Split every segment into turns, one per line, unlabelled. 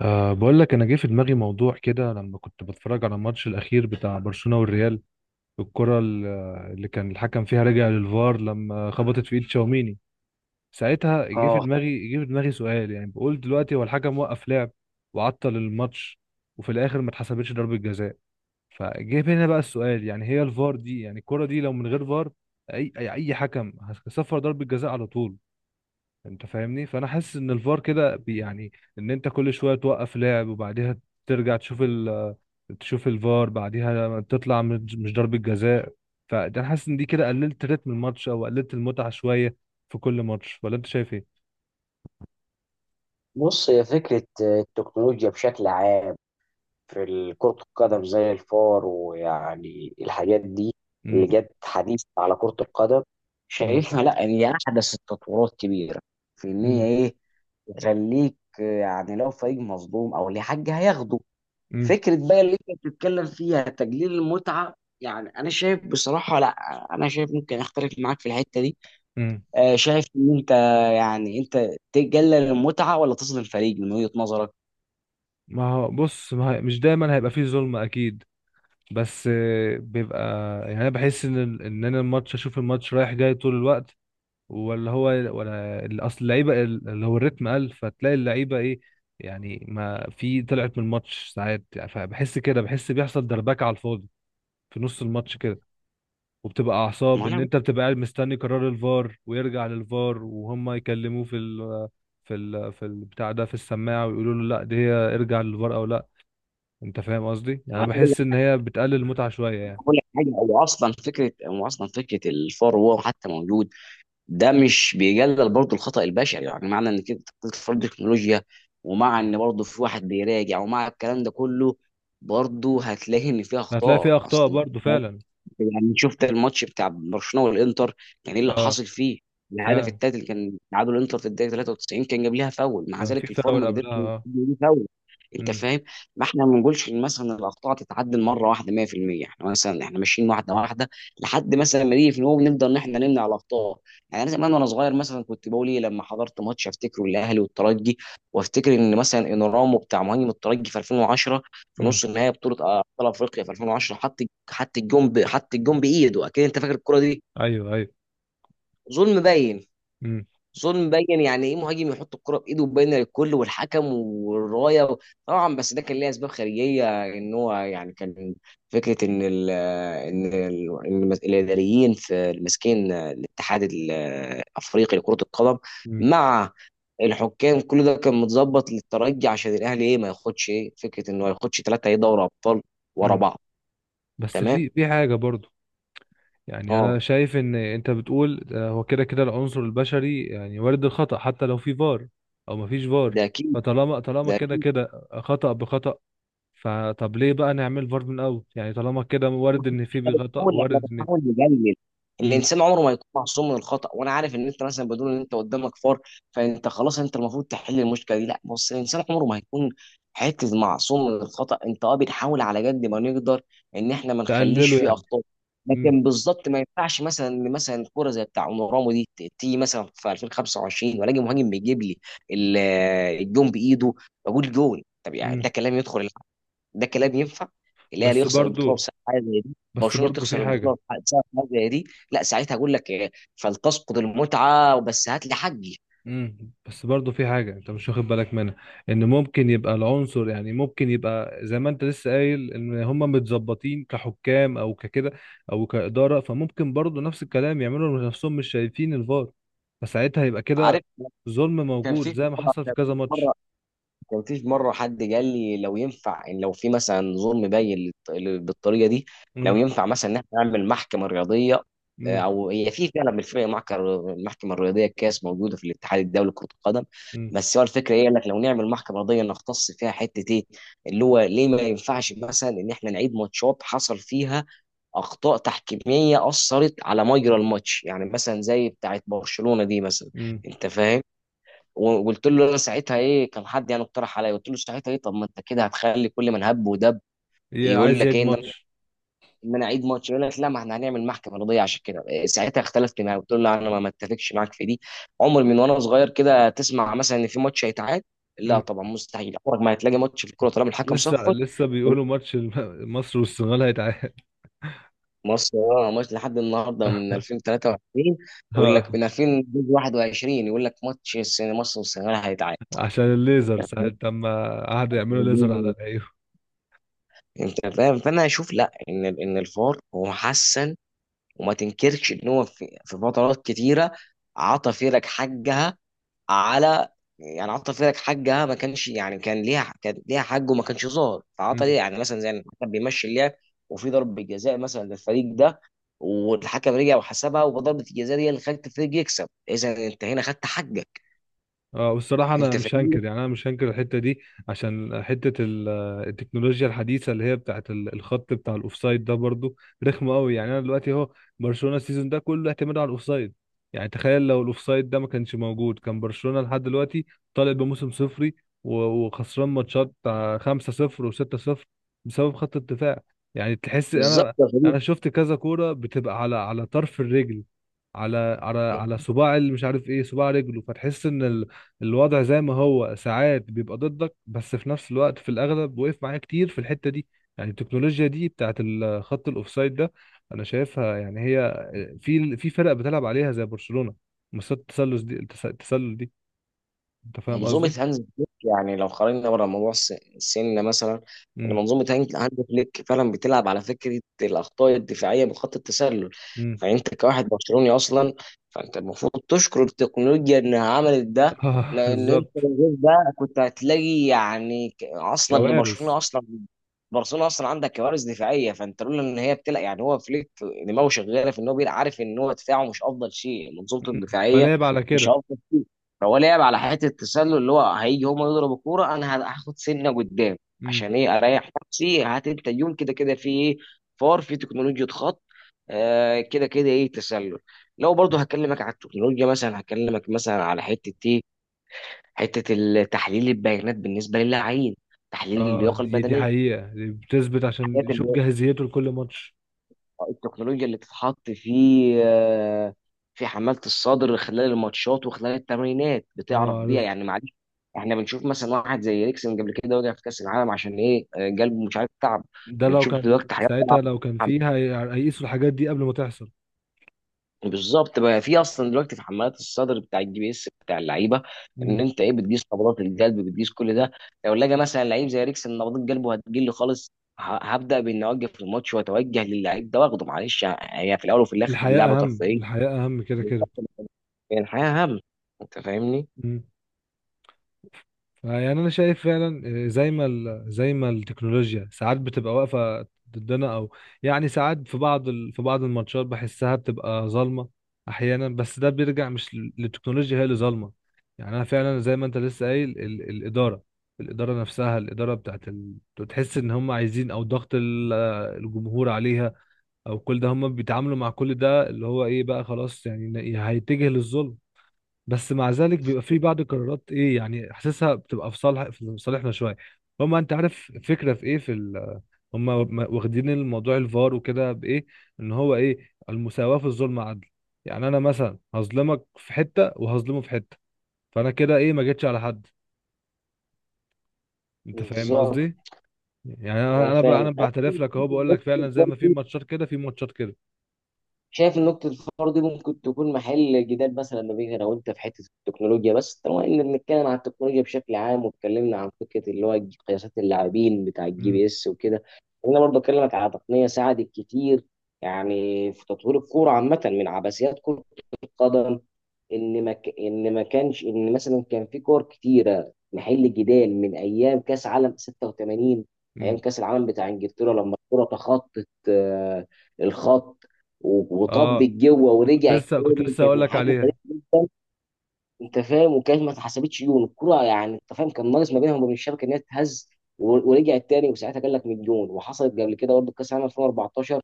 بقول لك انا جه في دماغي موضوع كده لما كنت بتفرج على الماتش الاخير بتاع برشلونة والريال. الكرة ال- اللي كان الحكم فيها رجع للفار لما خبطت في ايد تشاوميني. ساعتها جه في
اه،
دماغي جه في دماغي سؤال، يعني بقول دلوقتي هو الحكم وقف لعب وعطل الماتش، وفي الاخر ما اتحسبتش ضربة جزاء. فجه هنا بقى السؤال، يعني هي الفار دي، يعني الكرة دي لو من غير فار، اي اي أي حكم هيصفر ضربة جزاء على طول. انت فاهمني؟ فانا حاسس ان الفار كده يعني ان انت كل شويه توقف لعب وبعديها ترجع تشوف تشوف الفار، بعديها تطلع مش ضربه جزاء. فانا حاسس ان دي كده قللت رتم الماتش او قللت المتعه شويه في كل ماتش، ولا انت شايف ايه؟
بص. هي فكرة التكنولوجيا بشكل عام في كرة القدم زي الفار ويعني الحاجات دي اللي
امم.
جت حديث على كرة القدم،
امم.
شايفها لا إن هي أحدث التطورات كبيرة في إن هي
امم.
إيه. تخليك يعني لو فريق مظلوم أو ليه حاجة هياخده.
امم.
فكرة بقى اللي أنت بتتكلم فيها تجليل المتعة، يعني أنا شايف بصراحة لا. أنا شايف ممكن أختلف معاك في الحتة دي.
امم.
شايف ان انت، يعني انت تقلل المتعه ولا تظلم فريق من وجهه نظرك؟
ما هو بص، ما هي- مش دايما هيبقى فيه ظلم اكيد، بس بيبقى. يعني انا بحس ان انا اشوف الماتش رايح جاي طول الوقت، ولا هو، ولا اصل اللعيبه اللي هو الريتم قل، فتلاقي اللعيبه ايه، يعني ما في طلعت من الماتش ساعات، يعني فبحس كده بحس بيحصل دربكه على الفاضي في نص الماتش كده. وبتبقى اعصاب،
ما
ان
انا
انت بتبقى قاعد مستني قرار الفار، ويرجع للفار وهم يكلموه في البتاع ده في السماعه ويقولوا له لا دي هي، ارجع للفار او لا. انت فاهم قصدي؟ يعني
ما
انا
انا بقول
بحس ان
لك
هي بتقلل المتعه شويه يعني.
بقول لك حاجه. هو اصلا فكره الفار، وهو حتى موجود، ده مش بيقلل برضه الخطا البشري، يعني معنى ان كده تطور التكنولوجيا، ومع
م.
ان برضه في واحد بيراجع ومع الكلام ده كله، برضه هتلاقي ان فيها
هتلاقي
اخطاء
فيها اخطاء
اصلا.
برضو فعلا.
يعني شفت الماتش بتاع برشلونه والانتر، كان ايه اللي
اه.
حاصل فيه؟ الهدف
فعلا.
التالت اللي كان تعادل الانتر في الدقيقه 93 كان جاب ليها فاول، مع
كان في
ذلك الفار
فاول
ما قدرش
قبلها
يجيب
اه.
ليه فاول، انت
امم.
فاهم. ما احنا ما بنقولش إن مثلا الاخطاء تتعدل مره واحده 100%، احنا مثلا ماشيين واحده واحده لحد مثلا ما نيجي في، نقوم نقدر ان احنا نمنع الاخطاء. يعني انا زمان وانا صغير مثلا كنت بقول ايه لما حضرت ماتش افتكره الاهلي والترجي، وافتكر ان مثلا انورامو بتاع مهاجم الترجي في 2010 في
إمم.
نص النهائي بطوله ابطال افريقيا في 2010. حط الجون بايده، اكيد انت فاكر الكره دي.
ايوه ايوه.
ظلم باين
امم.
ظلم باين يعني ايه مهاجم يحط الكره بايده وباينه للكل والحكم والرايه طبعا. بس ده كان ليه اسباب خارجيه، ان هو يعني كان فكره ان ال ان ال إن الاداريين في ماسكين الاتحاد الافريقي لكره القدم
امم.
مع الحكام، كل ده كان متظبط للترجي عشان الاهلي، ايه، ما ياخدش، ايه، فكره انه ما ياخدش ثلاثه، ايه، دوري ابطال ورا
امم.
بعض.
بس
تمام.
في حاجه برضو. يعني
اه.
انا شايف ان انت بتقول هو كده كده العنصر البشري، يعني وارد الخطأ حتى لو في فار او ما فيش فار.
ده اكيد
فطالما
ده
كده
اكيد
كده خطأ بخطأ، فطب ليه بقى نعمل فار من الاول؟ يعني طالما كده وارد ان
احنا
في خطأ
بنحاول احنا
وارد ان.
بنحاول نقلل.
امم.
الانسان عمره ما يكون معصوم من الخطا، وانا عارف ان انت مثلا بدون ان انت قدامك فار فانت خلاص انت المفروض تحل المشكله دي. لا بص، الانسان عمره ما هيكون حته معصوم من الخطا. انت، اه، بنحاول على قد ما نقدر ان احنا ما نخليش
تقلله
فيه
يعني.
اخطاء.
امم.
لكن بالظبط ما ينفعش مثلا ان مثلا كوره زي بتاع اونورامو دي تيجي مثلا في 2025 والاقي مهاجم بيجيب لي ال- الجون بايده، بقول جول. طب يعني
امم.
ده كلام يدخل، ده كلام ينفع؟ الاهلي
بس
يخسر البطوله
برضو
بسبب حاجه زي دي،
بس
برشلونه
برضو في
تخسر البطوله
حاجه.
بسبب حاجه زي دي. لا ساعتها اقول لك فلتسقط المتعه بس هات لي حقي.
امم. بس برضه في حاجة انت مش واخد بالك منها، ان ممكن يبقى العنصر، يعني ممكن يبقى زي ما انت لسه قايل، ان هم متظبطين كحكام او ككده او كإدارة، فممكن برضه نفس الكلام يعملوا نفسهم مش شايفين الفار، فساعتها يبقى كده
عارف.
ظلم
كان
موجود
في
زي ما
مره
حصل في
كان في
كذا ماتش.
مره كان في مرة حد قال لي، لو ينفع إن لو في مثلا ظلم باين بالطريقة دي، لو
امم.
ينفع مثلا إن إحنا نعمل محكمة رياضية.
امم.
أو هي في فعلا بالفعل المحكمة الرياضية كاس موجودة في الاتحاد الدولي لكرة القدم.
امم.
بس هو الفكرة إيه؟ قال لك لو نعمل محكمة رياضية نختص فيها حتة إيه، اللي هو ليه ما ينفعش مثلا إن إحنا نعيد ماتشات حصل فيها اخطاء تحكيميه اثرت على مجرى الماتش، يعني مثلا زي بتاعت برشلونه دي مثلا،
امم.
انت فاهم. وقلت له انا ساعتها ايه، كان حد يعني اقترح عليا، قلت له ساعتها ايه، طب ما انت كده هتخلي كل من هب ودب
هي
يقول
عايز
لك
يعيد
ايه ان انا
ماتش.
إن أنا اعيد ماتش، يقول لك لا ما احنا هنعمل محكمه رضيه عشان كده، ساعتها اختلفت معاه، قلت له لا انا ما اتفقش معاك في دي. عمر من وانا صغير كده تسمع مثلا ان في ماتش هيتعاد، لا
امم.
طبعا مستحيل، عمرك ما هتلاقي ماتش في الكوره طالما الحكم
لسه
صفر.
لسه بيقولوا ماتش مصر والسنغال هيتعاد.
مصر اه، ماتش لحد النهارده من 2023 يقول لك من 2021، يقول لك ماتش السنه مصر والسنغال
عشان الليزر ساعة
هيتعاد.
لما قعدوا يعملوا ليزر على العيون.
انت فاهم، فانا اشوف لا ان الفار هو حسن، وما تنكرش ان هو في فترات كتيره عطى فرق حقها، على، يعني عطى فرق حقها، ما كانش يعني كان ليها حق وما كانش ظاهر فعطى ليه، يعني مثلا زي ان الحكم بيمشي اللعب وفي ضربه جزاء مثلا للفريق ده والحكم رجع وحسبها، وضربه الجزاء دي اللي خلت الفريق يكسب. اذا انت هنا خدت حقك،
اه، والصراحة أنا
انت
مش
فاهمني.
هنكر يعني أنا مش هنكر الحتة دي. عشان حتة التكنولوجيا الحديثة اللي هي بتاعة الخط بتاع الأوفسايد ده برضو رخمة أوي. يعني أنا دلوقتي أهو، برشلونة السيزون ده كله اعتماد على الأوفسايد. يعني تخيل لو الأوفسايد ده ما كانش موجود، كان برشلونة لحد دلوقتي طالع بموسم صفري و- وخسران ماتشات بتاع 5-0 و6-0 بسبب خط الدفاع. يعني تحس
بالظبط
أنا
يا صديقي.
أنا شفت كذا كورة بتبقى على طرف الرجل، على صباع اللي مش عارف ايه، صباع رجله. فتحس ان الوضع زي ما هو ساعات بيبقى ضدك، بس في نفس الوقت في الاغلب وقف معايا كتير في الحته دي. يعني التكنولوجيا دي بتاعت خط الاوفسايد ده، انا شايفها، يعني هي في فرق بتلعب عليها زي برشلونه، مسات التسلل دي، التسلل دي. انت فاهم
منظومة
قصدي؟
هانز فليك، يعني لو خرجنا بره موضوع السن مثلا، إن
امم.
منظومة هانز فليك فعلا بتلعب على فكرة الأخطاء الدفاعية من خط التسلل.
امم.
فأنت كواحد برشلوني أصلا فأنت المفروض تشكر التكنولوجيا إنها عملت ده.
اه.
لأن أنت
بالظبط.
من غير ده كنت هتلاقي يعني أصلا إن
كوارث.
برشلونة أصلا عندك كوارث دفاعية، فأنت لولا إن هي بتلعب، يعني هو فليك دماغه شغالة في إن هو بيلعب عارف إن هو دفاعه مش أفضل شيء، منظومته
مم.
الدفاعية
فلعب على
مش
كده.
أفضل شيء. فهو لعب على حته التسلل، اللي هو هيجي هم يضربوا الكوره انا هاخد سنه قدام.
امم.
عشان ايه اريح نفسي، هات انت اليوم كده كده في ايه؟ فار، في تكنولوجيا خط، كده كده ايه، تسلل. لو برضه هكلمك على التكنولوجيا مثلا، هكلمك مثلا على حته ايه، حته تحليل البيانات بالنسبه للاعبين، تحليل
اه،
اللياقه
دي
البدنيه،
حقيقه، دي بتثبت عشان يشوف
الحاجات
جاهزيته لكل ماتش.
التكنولوجيا اللي بتتحط آه، في حمالة الصدر خلال الماتشات وخلال التمرينات
اه
بتعرف بيها،
عارف.
يعني معلش. احنا بنشوف مثلا واحد زي ريكسن قبل كده وقع في كأس العالم، عشان ايه قلبه مش عارف، تعب.
ده لو
بنشوف
كان
دلوقتي حاجات طالعة.
ساعتها، لو كان فيه هيقيسوا الحاجات دي قبل ما تحصل.
بالظبط بقى، في اصلا دلوقتي في حمالات الصدر بتاع GPS بتاع اللعيبه، ان
مم.
انت ايه بتقيس نبضات القلب، بتقيس كل ده. لو لقى مثلا لعيب زي ريكسن نبضات قلبه هتقل خالص، هبدا باني اوقف الماتش واتوجه للعيب ده واخده. معلش هي في الاول وفي الاخر
الحياة
لعبه
أهم
ترفيهيه.
الحياة أهم كده
بالظبط،
كده.
يعني الحياة هم، أنت فاهمني؟
مم. فيعني أنا شايف فعلا، زي ما التكنولوجيا ساعات بتبقى واقفة ضدنا أو، يعني ساعات في بعض الماتشات بحسها بتبقى ظالمة أحيانا. بس ده بيرجع مش للتكنولوجيا هي اللي ظالمة. يعني أنا فعلا زي ما أنت لسه قايل الإدارة نفسها، الإدارة بتاعت تحس إن هم عايزين، أو ضغط الجمهور عليها، أو كل ده هم بيتعاملوا مع كل ده اللي هو إيه بقى، خلاص يعني هيتجه للظلم. بس مع ذلك بيبقى في بعض القرارات ايه، يعني حاسسها بتبقى في صالحنا شويه. هما انت عارف فكره في ايه هما واخدين الموضوع الفار وكده بايه، ان هو ايه المساواه في الظلم عدل. يعني انا مثلا هظلمك في حته وهظلمه في حته، فانا كده ايه، ما جيتش على حد. انت فاهم
بالظبط.
قصدي؟ يعني انا
انا
انا بقى
فاهم.
انا بعترف لك اهو، بقول لك فعلا زي ما في ماتشات كده في ماتشات كده.
شايف ان نقطة الفار دي ممكن تكون محل جدال مثلا ما بين انا وانت في حتة التكنولوجيا، بس طالما ان بنتكلم عن التكنولوجيا بشكل عام واتكلمنا عن فكرة اللي هو قياسات اللاعبين بتاع الجي
امم.
بي اس وكده، انا برضه اكلمك على تقنية ساعدت كتير يعني في تطوير الكورة عامة من عبثيات كرة القدم، ان ما كانش ان مثلا كان في كور كتيره محل جدال من ايام كاس عالم 86،
امم.
ايام كاس العالم بتاع انجلترا، لما الكره تخطت الخط وطبت
اه،
جوه
كنت
ورجعت
لسه كنت
تاني،
لسه
كانت من
هقول لك
الحاجات
عليها.
الغريبه جدا. انت فاهم، وكانت ما اتحسبتش جون الكره، يعني انت فاهم كان ناقص ما بينهم وبين الشبكه ان هي تتهز ورجعت تاني، وساعتها قال لك من جون. وحصلت قبل كده برضه كاس العالم 2014،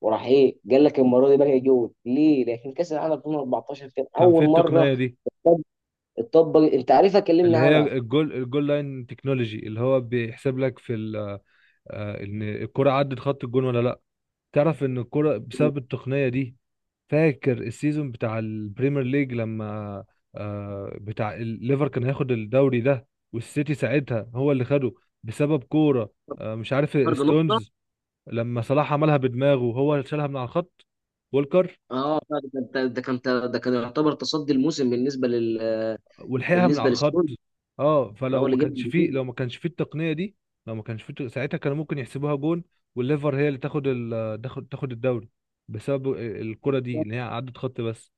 وراح ايه قال لك المره دي بقى جون ليه؟ لكن كاس العالم 2014 كان
كان في
اول مره
التقنيه دي
اتطبق، انت عارفها كلمني
اللي هي
عنها.
الجول لاين تكنولوجي، اللي هو بيحسب لك في ال- آه، ان الكرة عدت خط الجون ولا لا. تعرف ان الكرة بسبب التقنية دي، فاكر السيزون بتاع البريمير ليج لما بتاع الليفر كان هياخد الدوري ده والسيتي ساعتها هو اللي خده بسبب كورة، مش
فرق
عارف
نقطة.
ستونز، لما صلاح عملها بدماغه هو شالها من على الخط والكر
اه ده ده كان ده كان يعتبر تصدي الموسم
ولحقها من على
بالنسبة
الخط.
للسون،
اه فلو
هو
ما
اللي جاب
كانش فيه،
البطولة.
لو ما كانش فيه التقنيه دي، لو ما كانش فيه ساعتها كانوا ممكن يحسبوها جون والليفر هي اللي تاخد ال... تاخد تاخد الدوري بسبب الكره دي اللي هي عدت خط بس.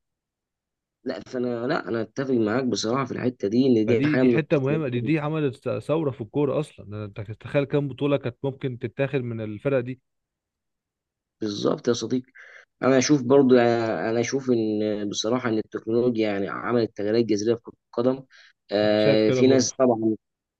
لا، انا اتفق معاك بصراحه في الحته دي، ان دي
فدي
حاجه
دي
من
حته
التقنيات.
مهمه، دي عملت ثوره في الكوره اصلا. انت تتخيل كام بطوله كانت ممكن تتاخد من الفرق دي؟
بالظبط يا صديقي. انا اشوف ان بصراحه ان التكنولوجيا يعني عملت تغييرات جذريه في كره القدم.
انا شايف كده
في
برضو.
ناس طبعا،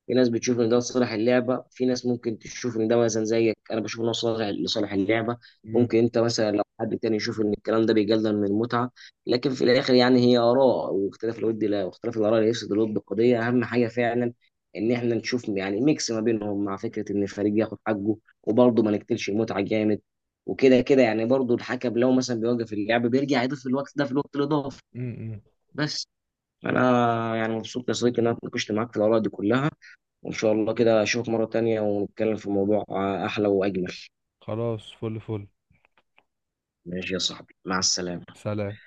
في ناس بتشوف ان ده لصالح اللعبه، في ناس ممكن تشوف ان ده مثلا، زيك انا بشوف ان هو صالح لصالح اللعبه.
امم.
ممكن انت مثلا، لو حد تاني يشوف ان الكلام ده بيقلل من المتعه، لكن في الاخر يعني هي اراء، واختلاف الود لا واختلاف الاراء ليس ضد القضيه، اهم حاجه فعلا ان احنا نشوف يعني ميكس ما بينهم مع فكره ان الفريق ياخد حقه، وبرضه ما نقتلش المتعه جامد. وكده كده يعني برضه الحكم لو مثلا بيوقف اللعب بيرجع يضيف الوقت ده في الوقت الاضافي.
امم.
بس انا يعني مبسوط يا صديقي ان انا اتناقشت معاك في الاراء دي كلها، وإن شاء الله كده أشوفك مرة تانية ونتكلم في موضوع أحلى وأجمل.
خلاص فل فل.
ماشي يا صاحبي، مع السلامة.
سلام